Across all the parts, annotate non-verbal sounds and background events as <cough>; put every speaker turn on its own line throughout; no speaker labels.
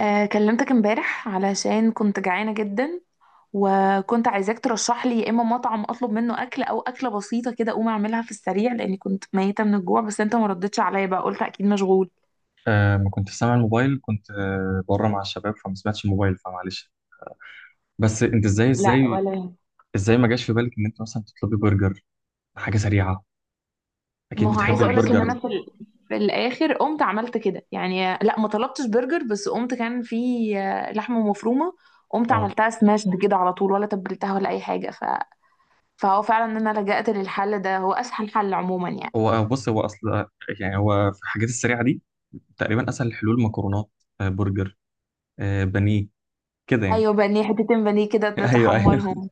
كلمتك امبارح علشان كنت جعانة جدا. وكنت عايزاك ترشح لي يا اما مطعم اطلب منه اكل او اكلة بسيطة كده اقوم اعملها في السريع لاني كنت ميتة من الجوع. بس انت ما ردتش عليا بقى قلت اكيد مشغول.
ما كنت سامع الموبايل، كنت بره مع الشباب، فما سمعتش الموبايل فمعلش. بس انت ازاي؟
لا
ازاي
ولا يهمك.
ازاي ما جاش في بالك ان انت مثلا تطلبي برجر؟ حاجه سريعه، اكيد، ما
ما
هو
هو
بتحب، عايزة
عايزة اقولك ان
البرجر
انا
اطلب.
في الاخر قمت عملت كده يعني لا ما طلبتش برجر بس قمت كان في لحمة مفرومة. قمت
اه،
عملتها سماشد كده على طول ولا تبلتها ولا اي حاجة فهو فعلا ان انا لجأت للحل ده هو اسهل حل عموما يعني.
هو بص هو اصل يعني هو في الحاجات السريعه دي تقريبا اسهل الحلول مكرونات، برجر، بانيه، كده يعني.
ايوه بانيه حتتين بانيه كده
<laughs> ايوه ايوه.
تحمرهم.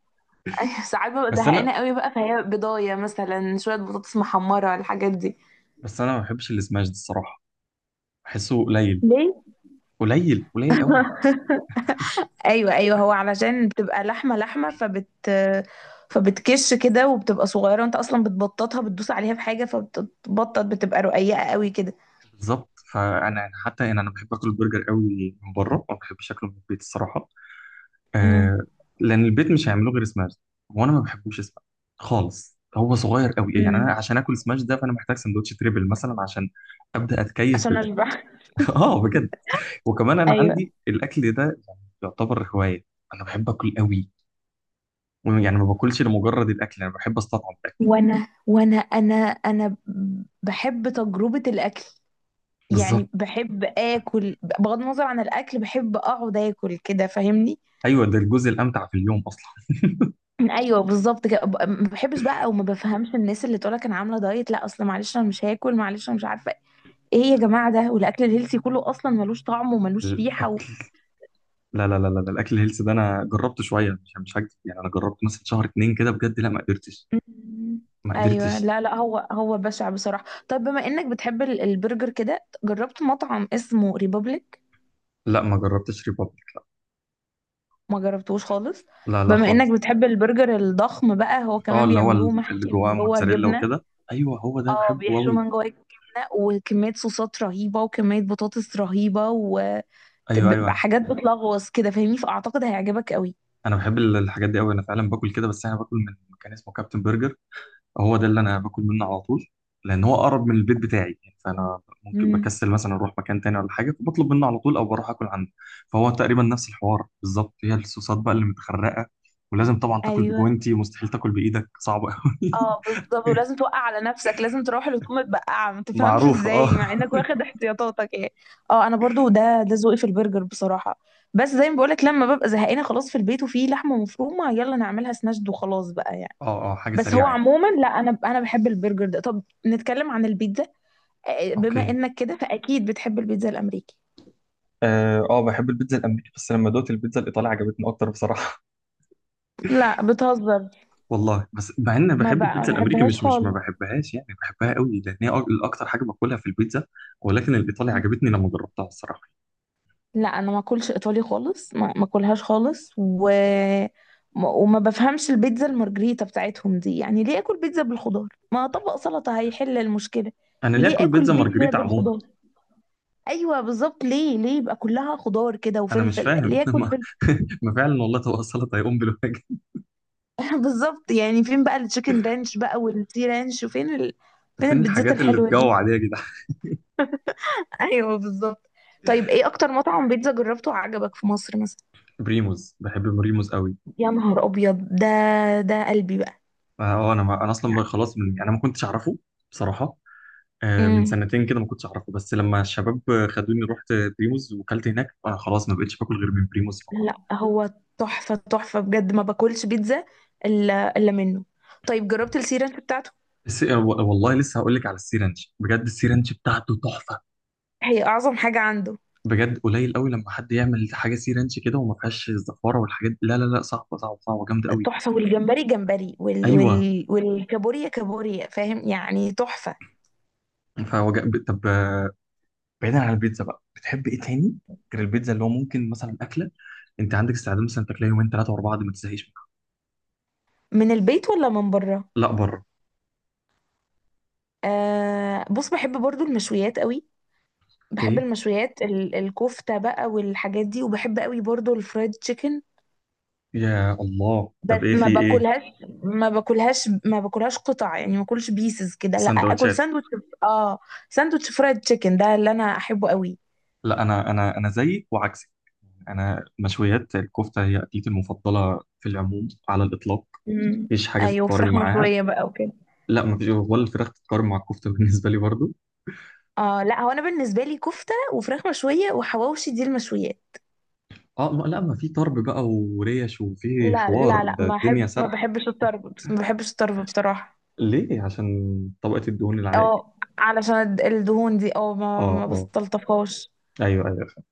ايوه <laughs> ساعات ببقى
بس
زهقانه
انا
قوي بقى فهي بضايه مثلا شويه بطاطس محمره الحاجات دي.
بس انا ما بحبش السماش ده الصراحه، بحسه قليل.
ليه؟
قليل قوي.
<laughs> ايوه، ايوه، هو علشان بتبقى لحمه لحمه <laughs> فبتكش كده وبتبقى صغيره وانت اصلا بتبططها بتدوس عليها بحاجه فبتبطط بتبقى رقيقه قوي كده.
بالظبط، فانا حتى يعني انا بحب اكل البرجر قوي من بره، ما بحبش اكله من البيت الصراحه.
امم
آه. لان البيت مش هيعملوه غير سماش، وانا ما بحبوش سماش خالص، هو صغير قوي يعني،
امم.
انا عشان اكل سماش ده فانا محتاج سندوتش تريبل مثلا عشان ابدا اتكيف
عشان
بالاكل.
اشبع. <laughs>
<laughs> اه بجد. وكمان انا
ايوه.
عندي الاكل ده يعني يعتبر هوايه، انا بحب اكل قوي، يعني ما باكلش لمجرد الاكل، انا بحب استطعم الاكل.
وانا وانا انا انا بحب تجربه الاكل.
بالظبط،
يعني بحب اكل بغض النظر عن الاكل بحب اقعد اكل كده فاهمني.
ايوه، ده الجزء الامتع في اليوم اصلا.
ايوه بالظبط كده ما بحبش بقى او ما بفهمش الناس اللي تقولك انا عامله دايت لا اصل معلش انا مش هاكل معلش انا مش عارفه ايه يا جماعه ده. والاكل الهيلثي كله اصلا ملوش طعم وملوش ريحه
الاكل، لا لا لا لا، لا. الاكل الهيلث ده انا جربته شويه، مش هكذب يعني، انا جربت مثلا شهر اتنين كده، بجد لا ما قدرتش،
م-
ما
ايوه،
قدرتش.
لا لا، هو بشع بصراحه. طب بما انك بتحب البرجر كده جربت مطعم اسمه ريبابليك؟
لا ما جربتش ريبابليك.
ما جربتوش خالص.
لا لا
بما انك
خالص.
بتحب البرجر الضخم بقى هو
اه
كمان
اللي هو
بيعملوه
اللي
محشي
جواه
من جوه
موتزاريلا
جبنه.
وكده. ايوه هو ده
اه
بحبه
بيحشوه
قوي.
من جوه الجبنه وكميه صوصات رهيبه وكميه بطاطس رهيبه وحاجات.
ايوه ايوه،
بتلغوص كده فاهمني فاعتقد هيعجبك قوي.
انا بحب الحاجات دي قوي، انا فعلا باكل كده، بس انا باكل من مكان اسمه كابتن برجر، هو ده اللي انا باكل منه على طول، لان هو اقرب من البيت بتاعي يعني، فانا ممكن
امم.
بكسل مثلا اروح مكان تاني ولا حاجه فبطلب منه على طول او بروح اكل عنده. فهو تقريبا نفس الحوار بالظبط، هي الصوصات بقى اللي متخرقه، ولازم طبعا تاكل
ايوه.
بجوانتي، ومستحيل تاكل بايدك، صعبه قوي.
اه بالظبط ولازم توقع على نفسك لازم تروح لتقوم متبقعه ما
<laughs>
تفهمش
معروفه اه.
ازاي مع انك واخد احتياطاتك يعني. اه انا برضو ده ذوقي في البرجر بصراحه. بس زي ما بقولك لما ببقى زهقانه خلاص في البيت وفي لحمه مفرومه يلا نعملها سناشد وخلاص بقى يعني.
اه اه، حاجه
بس هو
سريعه يعني.
عموما لا انا بحب البرجر ده. طب نتكلم عن البيتزا. بما
اوكي.
انك كده فاكيد بتحب البيتزا الامريكي.
اه بحب البيتزا الامريكي، بس لما دوت البيتزا الايطالي عجبتني اكتر بصراحه.
لا بتهزر.
<laughs> والله، بس مع ان أنا
ما
بحب
بقى ما
البيتزا الامريكي،
بحبهاش
مش ما
خالص.
بحبهاش يعني، بحبها قوي، لان هي اكتر حاجه باكلها في البيتزا، ولكن الايطالي
مم.
عجبتني لما جربتها الصراحه.
لا انا ما اكلش ايطالي خالص ما اكلهاش خالص و وما بفهمش البيتزا المارجريتا بتاعتهم دي. يعني ليه اكل بيتزا بالخضار؟ ما طبق سلطة هيحل المشكلة.
انا ليه
ليه
اكل
اكل
بيتزا
بيتزا
مارجريتا عموما؟
بالخضار؟ ايوه بالظبط ليه يبقى كلها خضار كده
انا مش
وفلفل؟
فاهم.
ليه
<laughs>
اكل
ما
فلفل؟
ما فعلا والله طبق السلطه هيقوم بالواجب.
<laughs> بالظبط. يعني فين بقى التشيكن رانش بقى والسي رانش
<laughs>
فين
فين
البيتزات
الحاجات اللي
الحلوة دي.
تجوع دي يا جدعان؟
ايوه بالظبط. طيب ايه اكتر مطعم بيتزا جربته وعجبك في مصر مثلا؟
<laughs> بريموز، بحب بريموز قوي.
يا نهار ابيض ده. ده قلبي بقى
اه انا ما انا اصلا بقى
يعني.
خلاص من يعني انا ما كنتش اعرفه بصراحه، من
امم.
سنتين كده ما كنتش اعرفه، بس لما الشباب خدوني رحت بريموز وكلت هناك، خلاص ما بقتش باكل غير من بريموز فقط.
لا هو تحفه، تحفه بجد. ما باكلش بيتزا الا منه. طيب جربت السيرانش بتاعته؟
الس... آه، والله لسه هقول لك على السي رانش، بجد السي رانش بتاعته تحفه،
هي اعظم حاجه عنده.
بجد قليل قوي لما حد يعمل حاجه سي رانش كده وما فيهاش الزفاره والحاجات دي. لا لا لا، صعبه صعبه صعبه جامده قوي.
تحفه. والجمبري جمبري
ايوه.
والكابوريا كابوريا فاهم يعني تحفه.
فوج... طب آه، بعيدا عن البيتزا بقى، بتحب ايه تاني غير البيتزا، اللي هو ممكن مثلا اكله، انت عندك استعداد مثلا تاكلها يومين ثلاثه ورا بعض ما تزهقش منها؟
من البيت ولا من بره؟
لا بره.
آه بص بحب برضو المشويات قوي. بحب
اوكي.
المشويات الكفتة بقى والحاجات دي وبحب قوي برضو الفرايد تشيكن.
يا الله،
بس
طب ايه في
ما
ايه؟
باكلهاش. ما باكلهاش قطع يعني ما باكلش بيسز كده لا اكل
سندوتشات.
ساندوتش. اه ساندوتش فرايد تشيكن ده اللي انا احبه قوي.
لا انا زيك وعكسك، انا مشويات الكفته هي اكلتي المفضله في العموم على الاطلاق،
امم.
مفيش حاجه
ايوه
تتقارن
فراخ
معاها.
مشوية بقى وكده.
لا مفيش، ولا الفراخ تتقارن مع الكفته <laughs> بالنسبه لي برضو.
اه لا هو انا بالنسبة لي كفتة وفراخ مشوية وحواوشي دي المشويات.
اه ما لا، ما في طرب بقى وريش وفي
لا،
حوار،
لا، لا،
ده
ما
الدنيا
احب، ما
سرحه.
بحبش الطرب، ما بحبش الطرب بصراحة.
ليه؟ عشان طبقه الدهون اللي عليها كده.
اه علشان الدهون دي اه ما
اه
ما
اه،
بستلطفهاش.
ايوه ايوه فاهم.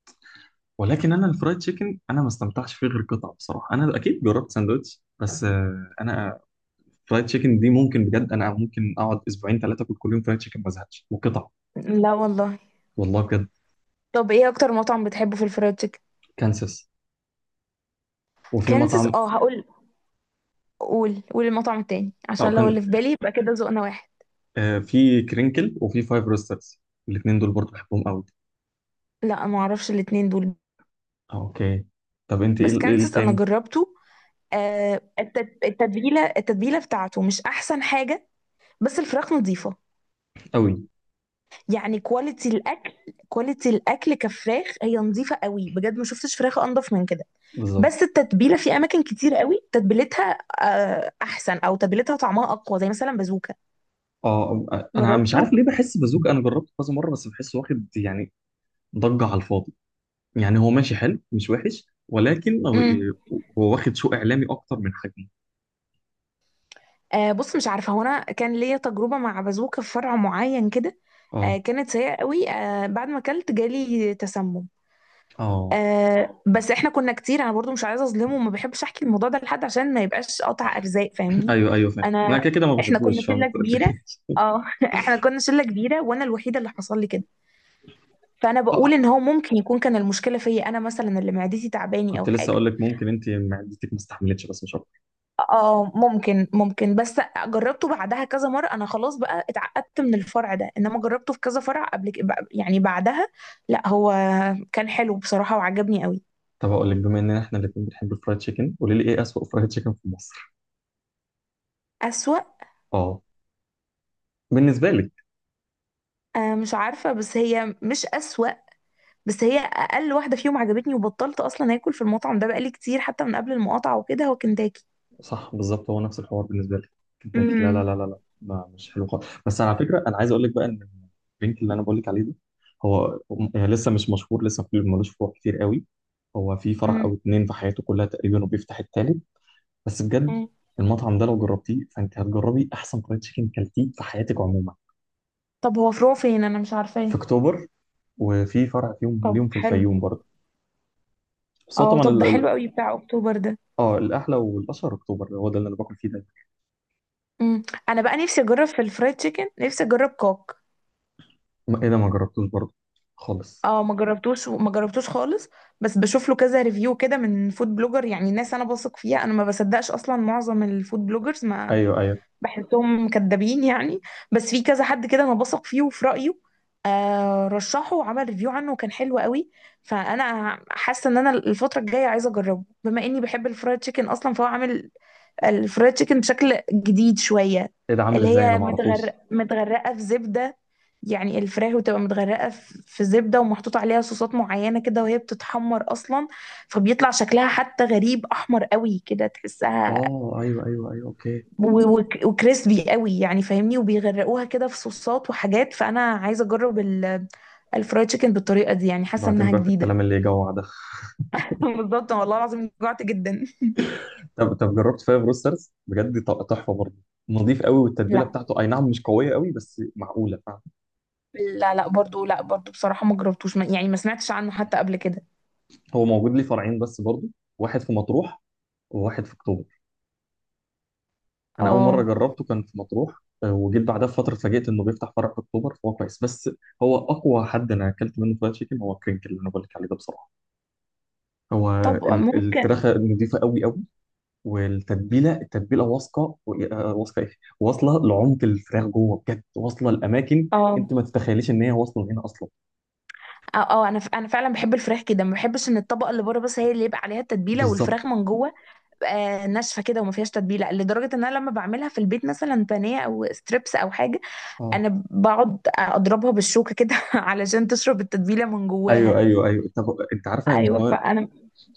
ولكن انا الفرايد تشيكن انا ما استمتعش فيه غير قطعه بصراحه، انا اكيد جربت ساندوتش بس انا فرايد تشيكن دي ممكن بجد، انا ممكن اقعد اسبوعين ثلاثه اكل كل يوم فرايد تشيكن ما ازهقش، وقطع.
لا والله.
والله بجد.
طب ايه اكتر مطعم بتحبه في الفرايد تشيكن؟
كانساس، وفي
كانسس.
مطعم
اه هقول. قول المطعم التاني
او
عشان
كان،
لو اللي في بالي يبقى كده ذوقنا واحد.
آه في كرينكل وفي فايف روسترز، الاثنين دول برضو بحبهم قوي.
لا ما اعرفش الاتنين دول.
اوكي. طب انت ايه
بس
إيه
كانسس انا
التاني؟
جربته. آه التتبيله بتاعته مش احسن حاجه. بس الفراخ نظيفه.
قوي.
يعني كواليتي الاكل. كواليتي الاكل كفراخ هي نظيفه قوي بجد. ما شفتش فراخ انضف من كده.
بالظبط.
بس التتبيله في اماكن كتير قوي تتبيلتها احسن او تتبيلتها طعمها اقوى زي مثلا بازوكا.
اه انا مش
جربته.
عارف ليه بحس بازوكا، انا جربته كذا مره بس بحسه واخد يعني ضجه على الفاضي، يعني هو ماشي حلو مش وحش، ولكن هو هو واخد سوق اعلامي اكتر من حجمه.
آه بص مش عارفه هو انا كان ليا تجربه مع بازوكه في فرع معين كده.
اه
كانت سيئه قوي. بعد ما اكلت جالي تسمم.
اه،
بس احنا كنا كتير انا برضو مش عايزه اظلمه وما بحبش احكي الموضوع ده لحد عشان ما يبقاش قطع ارزاق فاهمني.
ايوه ايوه فاهم، انا
انا،
كده كده ما
احنا كنا
بحبوش فاهم. <laughs>
شله
أنت قلت
كبيره.
إيه؟
اه <laughs> احنا كنا شله كبيره وانا الوحيده اللي حصل لي كده. فانا
<laughs> آه،
بقول ان هو ممكن يكون كان المشكله فيا انا مثلا اللي معدتي تعباني
كنت
او
لسه
حاجه.
اقول لك ممكن انت معدتك ما استحملتش، بس مش.
اه ممكن بس. جربته بعدها كذا مرة. انا خلاص بقى اتعقدت من الفرع ده انما جربته في كذا فرع قبل يعني بعدها. لا هو كان حلو بصراحة وعجبني قوي.
طب اقول لك، بما اننا احنا الاثنين بنحب الفرايد تشيكن، قولي لي ايه اسوأ فرايد تشيكن في مصر؟
اسوأ؟
اه بالنسبه لك.
آه مش عارفة. بس هي مش اسوأ. بس هي اقل واحدة فيهم عجبتني وبطلت اصلا اكل في المطعم ده بقالي كتير حتى من قبل المقاطعة وكده هو كنتاكي.
صح بالظبط، هو نفس الحوار بالنسبه لك كنتاكي، لا لا لا
امم.
لا لا، ما مش حلو خالص. بس على فكره، انا عايز اقول لك بقى ان الدرينك اللي انا بقول لك عليه ده، هو يعني لسه مش مشهور، لسه ملوش فروع كتير قوي، هو في فرع
امم.
او اتنين في حياته كلها تقريبا وبيفتح التالت، بس بجد
مم.
المطعم ده لو جربتيه فانت هتجربي احسن فرايد تشيكن كلتيه في حياتك عموما.
طب هو فروع فين؟ انا مش
في
عارفاه.
اكتوبر، وفي فرع فيهم
طب
ليهم في
حلو.
الفيوم برضه. بس هو
اه
طبعا،
طب ده حلو قوي بتاع اكتوبر ده.
اه الاحلى والاشهر اكتوبر، هو ده اللي انا باكل فيه دايما.
امم. انا بقى نفسي اجرب في الفرايد تشيكن. نفسي اجرب كوك.
ايه ده، ما جربتوش برضه خالص؟
اه ما جربتوش خالص. بس بشوف له كذا ريفيو كده من فود بلوجر. يعني ناس انا بثق فيها. انا ما بصدقش اصلا معظم الفود بلوجرز ما
ايوه ايوه.
بحسهم كدابين يعني. بس في كذا حد كده انا بثق فيه وفي رايه. آه رشحه وعمل ريفيو عنه وكان حلو قوي. فانا حاسه ان انا الفتره الجايه عايزه اجربه بما اني بحب الفرايد تشيكن اصلا. فهو عامل الفرايد تشيكن بشكل جديد شوية.
ايه ده، عامل
اللي
ازاي؟ انا
هي
ما اعرفوش.
متغرقة في زبدة. يعني الفراخ بتبقى متغرقة في زبدة ومحطوط عليها صوصات معينة كده وهي بتتحمر أصلا. فبيطلع شكلها حتى غريب أحمر قوي كده تحسها.
اه ايوه ايوه ايوه اوكي.
وكريسبي قوي يعني فاهمني وبيغرقوها كده في صوصات وحاجات. فأنا عايزة أجرب الفرايد تشيكن بالطريقة دي. يعني حاسة
وبعدين
إنها
بقى في
جديدة.
الكلام اللي يجوع ده.
<laughs> بالظبط والله العظيم جوعت جدا.
<laughs> طب طب جربت فايف روسترز؟ بجد تحفه برضه، نظيف قوي، والتتبيله
لا،
بتاعته اي نعم مش قويه قوي بس معقوله فعلا.
لا، لا، برضو لا برضو بصراحة ما جربتوش. يعني ما سمعتش عنه حتى قبل كده.
هو موجود ليه فرعين بس برضه، واحد في مطروح وواحد في اكتوبر، انا اول مره
اه
جربته كان في مطروح، وجيت بعدها بفتره اتفاجئت انه بيفتح فرع في اكتوبر، فهو كويس، بس هو اقوى حد انا اكلت منه فرايد تشيكن هو كرينكل اللي انا بقول لك عليه ده بصراحه، هو
طب ممكن.
الفراخة نضيفة قوي قوي، والتتبيلة، التتبيلة واثقة واثقة ايه، واصلة لعمق الفراخ جوه بجد، واصلة لأماكن
اه،
انت ما تتخيليش ان هي واصلة هنا اصلا.
اه، انا انا فعلا بحب الفراخ كده. ما بحبش ان الطبقه اللي بره بس هي اللي يبقى عليها التتبيله
بالظبط.
والفراخ من جوه آه ناشفه كده وما فيهاش تتبيله لدرجه ان انا لما بعملها في البيت مثلا بانيه او ستريبس او حاجه
اه
انا بقعد اضربها بالشوكه كده <laughs> علشان تشرب التتبيله من جواها.
ايوه ايوه ايوه، طب انت عارفة ان
ايوه
هو،
فانا.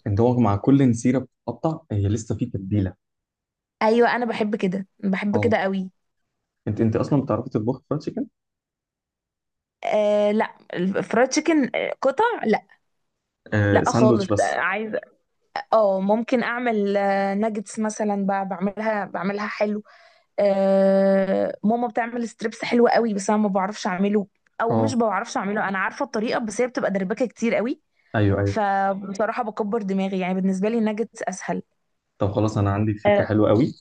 ان هو مع كل نسيرة بتتقطع هي لسه في تتبيلة.
ايوه انا بحب كده، بحب
اه.
كده قوي.
انت انت اصلا بتعرفي تطبخي فرايد تشيكن؟
آه لا الفرايد تشيكن قطع لا.
آه
لا
ساندوتش
خالص
بس.
عايزه. اه ممكن اعمل آه ناجتس مثلا بعملها حلو. ماما بتعمل ستريبس حلو قوي. بس انا ما بعرفش اعمله. او مش
اه
بعرفش اعمله. انا عارفه الطريقه بس هي بتبقى دربكه كتير قوي.
ايوه ايوه.
فبصراحه بكبر دماغي. يعني بالنسبه لي الناجتس اسهل.
طب خلاص، انا عندي فكرة
آه
حلوة قوي،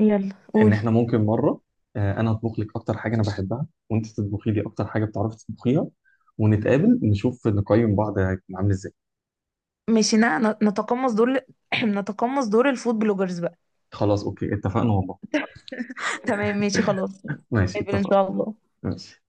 يلا
ان
قولي.
احنا ممكن مره، انا اطبخ لك اكتر حاجه انا بحبها وانت تطبخي لي اكتر حاجه بتعرفي تطبخيها، ونتقابل، نشوف نقيم بعض عامل ازاي.
ماشي نتقمص دور <clears throat> نتقمص دور الفود بلوجرز بقى.
خلاص اوكي، اتفقنا والله.
تمام ماشي خلاص
ماشي
نتقابل ان
اتفقنا.
شاء الله.
ماشي.